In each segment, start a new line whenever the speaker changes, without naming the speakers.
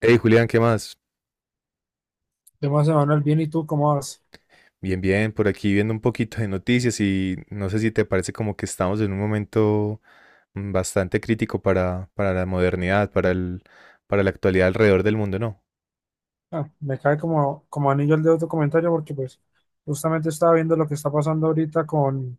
Hey Julián, ¿qué más?
De más, Emanuel, bien, ¿y tú cómo vas?
Bien, bien, por aquí viendo un poquito de noticias y no sé si te parece como que estamos en un momento bastante crítico para la modernidad, para para la actualidad alrededor del mundo, ¿no?
Ah, me cae como, como anillo al dedo tu comentario porque pues justamente estaba viendo lo que está pasando ahorita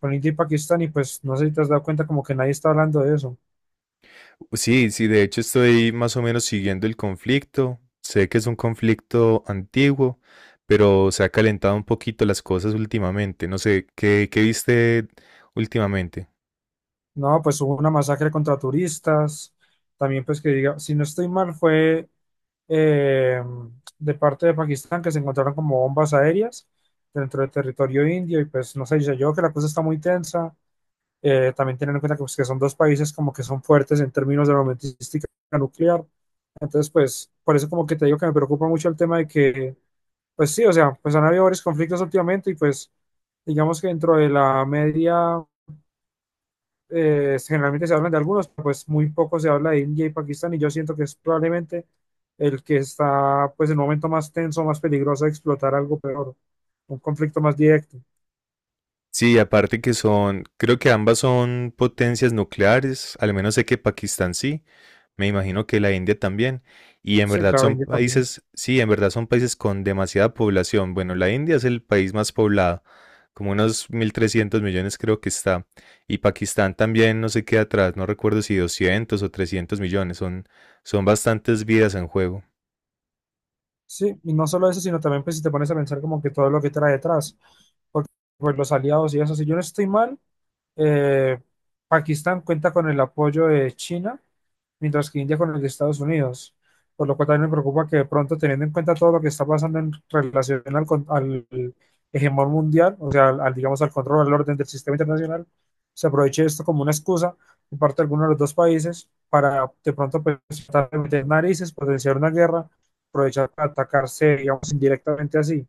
con India y Pakistán y pues no sé si te has dado cuenta como que nadie está hablando de eso.
Sí, sí, de hecho estoy más o menos siguiendo el conflicto. Sé que es un conflicto antiguo, pero se ha calentado un poquito las cosas últimamente. No sé, ¿qué viste últimamente?
No, pues hubo una masacre contra turistas, también pues que diga, si no estoy mal fue eh, de parte de Pakistán que se encontraron como bombas aéreas dentro del territorio indio y pues no sé, dice yo que la cosa está muy tensa. También tener en cuenta que, pues, que son dos países como que son fuertes en términos de armamentística nuclear. Entonces, pues, por eso como que te digo que me preocupa mucho el tema de que, pues sí, o sea, pues han habido varios conflictos últimamente y pues digamos que dentro de la media generalmente se hablan de algunos, pero pues muy poco se habla de India y Pakistán y yo siento que es probablemente el que está pues en un momento más tenso, más peligroso de explotar algo peor, un conflicto más directo.
Sí, aparte que son, creo que ambas son potencias nucleares, al menos sé que Pakistán sí, me imagino que la India también, y en
Sí,
verdad
claro,
son
India también.
países, sí, en verdad son países con demasiada población. Bueno, la India es el país más poblado, como unos 1.300 millones creo que está, y Pakistán también no se queda atrás, no recuerdo si 200 o 300 millones, son, son bastantes vidas en juego.
Sí, y no solo eso, sino también pues si te pones a pensar como que todo lo que trae detrás, porque pues los aliados y eso, si yo no estoy mal, eh, Pakistán cuenta con el apoyo de China, mientras que India con el de Estados Unidos, por lo cual también me preocupa que de pronto teniendo en cuenta todo lo que está pasando en relación al, al hegemón mundial, o sea, digamos al control, al orden del sistema internacional, se aproveche esto como una excusa por parte de alguno de los dos países para de pronto pues, tratar de meter narices, potenciar una guerra, aprovechar para atacarse, digamos, indirectamente así.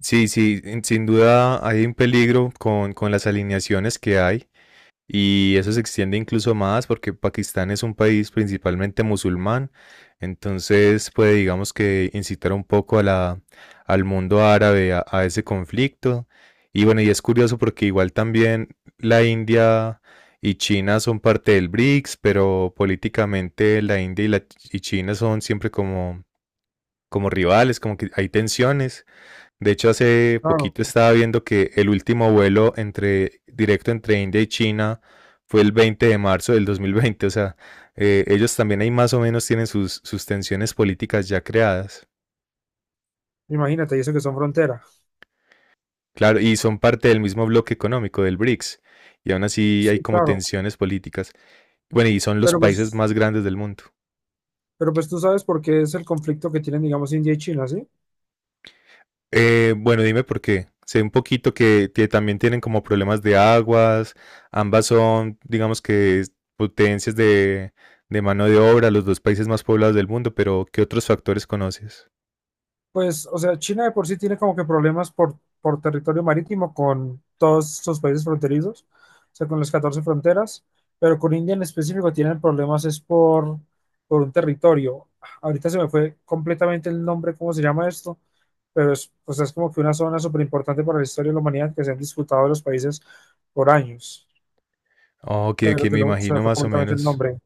Sí, sí, sin duda hay un peligro con las alineaciones que hay. Y eso se extiende incluso más porque Pakistán es un país principalmente musulmán, entonces puede, digamos que, incitar un poco a al mundo árabe a ese conflicto. Y bueno, y es curioso porque igual también la India y China son parte del BRICS, pero políticamente la India y China son siempre como, como rivales, como que hay tensiones. De hecho, hace
Claro,
poquito estaba viendo que el último vuelo entre, directo entre India y China fue el 20 de marzo del 2020. O sea, ellos también ahí más o menos tienen sus, sus tensiones políticas ya creadas.
imagínate, y eso que son fronteras.
Claro, y son parte del mismo bloque económico del BRICS. Y aún así hay
Sí,
como
claro,
tensiones políticas. Bueno, y son los
pero
países
pues,
más grandes del mundo.
pero pues tú sabes por qué es el conflicto que tienen, digamos, India y China, ¿sí?
Bueno, dime por qué. Sé un poquito que, también tienen como problemas de aguas, ambas son, digamos que, potencias de mano de obra, los dos países más poblados del mundo, pero ¿qué otros factores conoces?
Pues, o sea, China de por sí tiene como que problemas por territorio marítimo con todos sus países fronterizos, o sea, con las 14 fronteras, pero con India en específico tienen problemas es por un territorio. Ahorita se me fue completamente el nombre, cómo se llama esto, pero es, o sea, es como que una zona súper importante para la historia de la humanidad que se han disputado los países por años,
Oh, que,
pero
que me
se me
imagino
fue
más o
completamente el
menos.
nombre.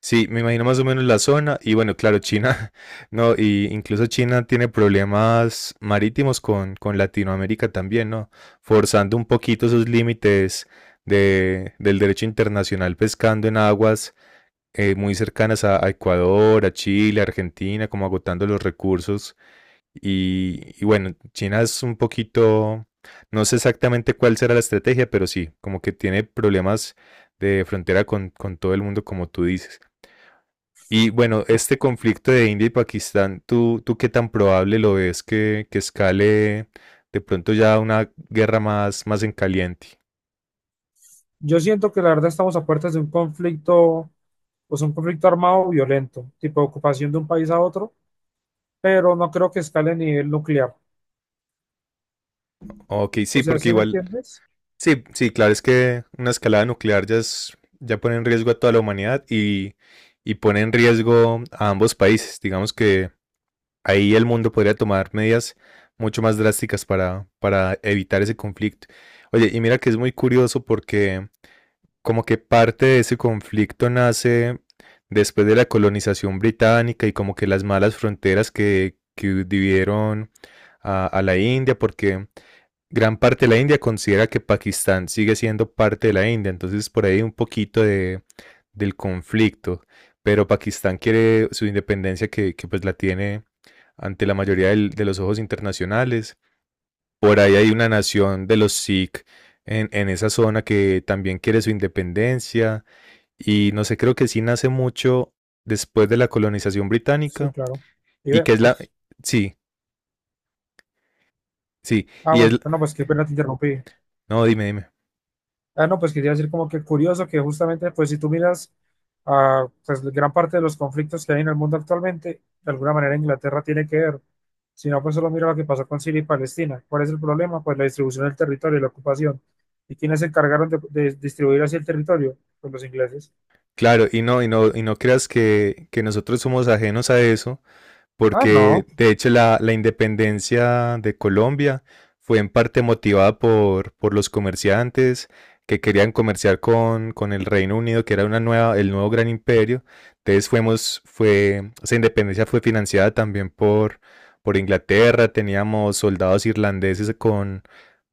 Sí, me imagino más o menos la zona y bueno, claro, China, no, y incluso China tiene problemas marítimos con Latinoamérica también, ¿no? Forzando un poquito esos límites del derecho internacional pescando en aguas muy cercanas a Ecuador, a Chile, a Argentina, como agotando los recursos. Y bueno, China es un poquito, no sé exactamente cuál será la estrategia, pero sí, como que tiene problemas de frontera con todo el mundo, como tú dices. Y bueno, este conflicto de India y Pakistán, ¿tú qué tan probable lo ves que escale de pronto ya una guerra más en caliente?
Yo siento que la verdad estamos a puertas de un conflicto, pues un conflicto armado violento, tipo ocupación de un país a otro, pero no creo que escale a nivel nuclear.
Ok,
O
sí,
sea,
porque
¿sí me
igual
entiendes?
sí, sí, claro, es que una escalada nuclear ya es, ya pone en riesgo a toda la humanidad y pone en riesgo a ambos países. Digamos que ahí el mundo podría tomar medidas mucho más drásticas para evitar ese conflicto. Oye, y mira que es muy curioso porque como que parte de ese conflicto nace después de la colonización británica y como que las malas fronteras que dividieron a la India, porque gran parte de la India considera que Pakistán sigue siendo parte de la India, entonces por ahí un poquito del conflicto, pero Pakistán quiere su independencia que pues la tiene ante la mayoría de los ojos internacionales. Por ahí hay una nación de los Sikh en esa zona que también quiere su independencia y no sé, creo que sí nace mucho después de la colonización
Sí,
británica
claro. Y
y
ve,
que es la...
pues,
Sí, sí,
ah,
y es...
pues qué pena te interrumpí.
No, dime, dime.
Ah, no, pues quería decir como que curioso que justamente, pues si tú miras a pues, gran parte de los conflictos que hay en el mundo actualmente, de alguna manera Inglaterra tiene que ver. Si no, pues solo mira lo que pasó con Siria y Palestina. ¿Cuál es el problema? Pues la distribución del territorio y la ocupación. ¿Y quiénes se encargaron de distribuir así el territorio? Pues los ingleses.
Claro, y no creas que nosotros somos ajenos a eso,
Ah,
porque
no,
de hecho la independencia de Colombia fue en parte motivada por los comerciantes que querían comerciar con el Reino Unido, que era una nueva, el nuevo gran imperio. Entonces esa independencia fue financiada también por Inglaterra, teníamos soldados irlandeses con,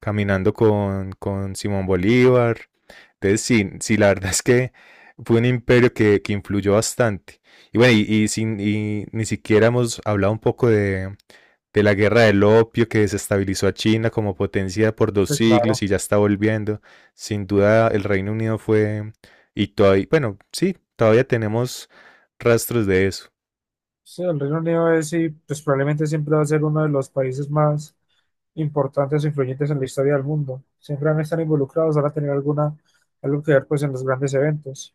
caminando con Simón Bolívar. Entonces sí, sí, la verdad es que fue un imperio que influyó bastante. Y bueno, y ni siquiera hemos hablado un poco de la guerra del opio que desestabilizó a China como potencia por dos
sí,
siglos
claro.
y ya está volviendo. Sin duda el Reino Unido fue, y todavía, bueno, sí, todavía tenemos rastros de eso.
Sí, el Reino Unido es y pues probablemente siempre va a ser uno de los países más importantes o influyentes en la historia del mundo. Siempre van a estar involucrados, van a tener alguna, algo que ver pues en los grandes eventos.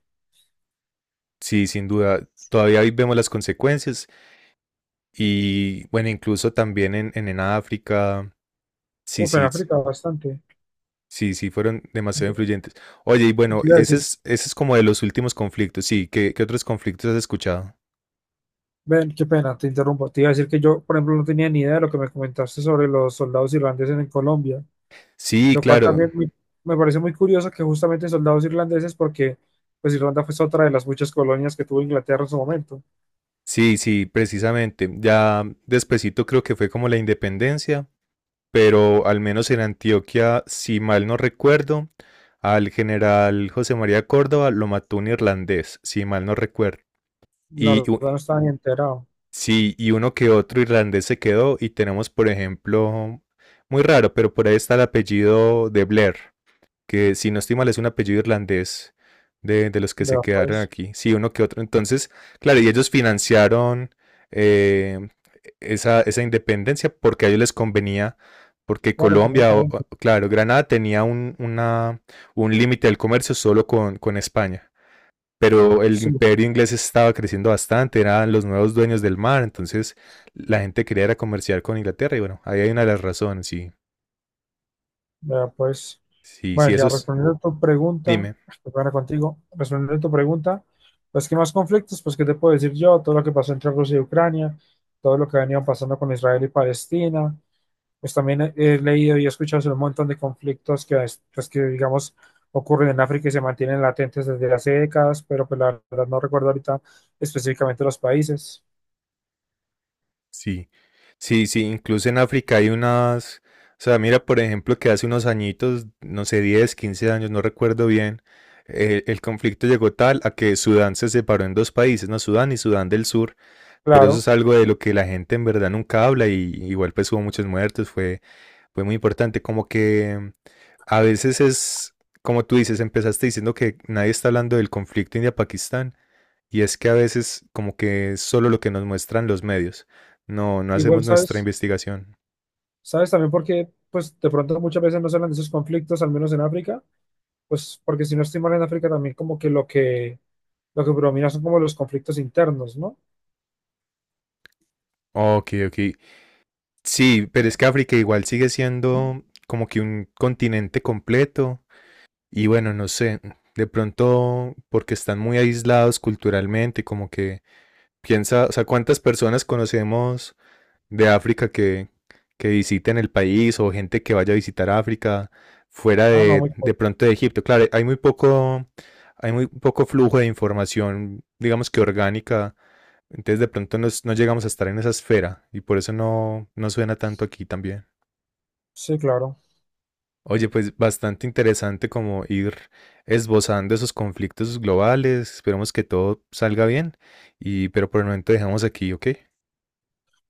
Sí, sin duda, todavía hoy vemos las consecuencias y bueno, incluso también en África, sí,
Uf, en
sí,
África bastante.
sí, sí, fueron demasiado influyentes. Oye, y
Y
bueno,
te iba a decir,
ese es como de los últimos conflictos, sí, ¿qué otros conflictos has escuchado?
ven, qué pena, te interrumpo. Te iba a decir que yo, por ejemplo, no tenía ni idea de lo que me comentaste sobre los soldados irlandeses en Colombia,
Sí,
lo cual
claro.
también me parece muy curioso que justamente soldados irlandeses, porque pues Irlanda fue otra de las muchas colonias que tuvo Inglaterra en su momento.
Sí, sí, precisamente. Ya despuesito creo que fue como la independencia, pero al menos en Antioquia, si mal no recuerdo, al general José María Córdoba lo mató un irlandés, si mal no recuerdo.
La
Y
verdad
u-
no estaba ni enterado.
sí, y uno que otro irlandés se quedó y tenemos, por ejemplo, muy raro, pero por ahí está el apellido de Blair. Que si no estoy mal es un apellido irlandés de los que se
Pero
quedaron
pues,
aquí. Sí, uno que otro. Entonces, claro, y ellos financiaron eh, esa independencia porque a ellos les convenía, porque
claro, también,
Colombia, claro, Granada tenía una, un límite del comercio solo con España. Pero el
sí.
imperio inglés estaba creciendo bastante, eran los nuevos dueños del mar, entonces la gente quería era comerciar con Inglaterra y bueno, ahí hay una de las razones, sí,
Ya, pues,
sí, sí,
bueno,
eso
ya
es,
respondiendo a tu pregunta,
dime.
estoy ahora contigo, respondiendo a tu pregunta, pues, ¿qué más conflictos? Pues, ¿qué te puedo decir yo? Todo lo que pasó entre Rusia y Ucrania, todo lo que venía pasando con Israel y Palestina, pues también he leído y he escuchado sobre un montón de conflictos que, pues, que, digamos, ocurren en África y se mantienen latentes desde hace décadas, pero pues la verdad no recuerdo ahorita específicamente los países.
Sí, sí, sí, incluso en África hay unas, o sea, mira, por ejemplo, que hace unos añitos, no sé, 10, 15 años, no recuerdo bien, el conflicto llegó tal a que Sudán se separó en dos países, ¿no? Sudán y Sudán del Sur, pero eso
Claro,
es algo de lo que la gente en verdad nunca habla y igual pues hubo muchos muertos, fue, fue muy importante, como que a veces es, como tú dices, empezaste diciendo que nadie está hablando del conflicto India-Pakistán. Y es que a veces como que es solo lo que nos muestran los medios. No, no hacemos
igual
nuestra
sabes,
investigación.
sabes también porque, pues, de pronto muchas veces no se hablan de esos conflictos, al menos en África, pues porque si no estoy mal en África también como que lo que predomina son como los conflictos internos, ¿no?
Ok, ok. Sí, pero es que África igual sigue siendo como que un continente completo. Y bueno, no sé, de pronto porque están muy aislados culturalmente, como que piensa, o sea, ¿cuántas personas conocemos de África que visiten el país o gente que vaya a visitar África fuera
Ah, no, muy
de
poco.
pronto de Egipto. Claro, hay muy poco flujo de información, digamos que orgánica, entonces de pronto no llegamos a estar en esa esfera y por eso no, no suena tanto aquí también.
Sí, claro.
Oye, pues bastante interesante como ir esbozando esos conflictos globales. Esperemos que todo salga bien y pero por el momento dejamos aquí, ¿ok?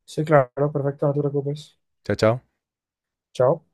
Sí, claro, perfecto, no te preocupes.
Chao, chao.
Chao.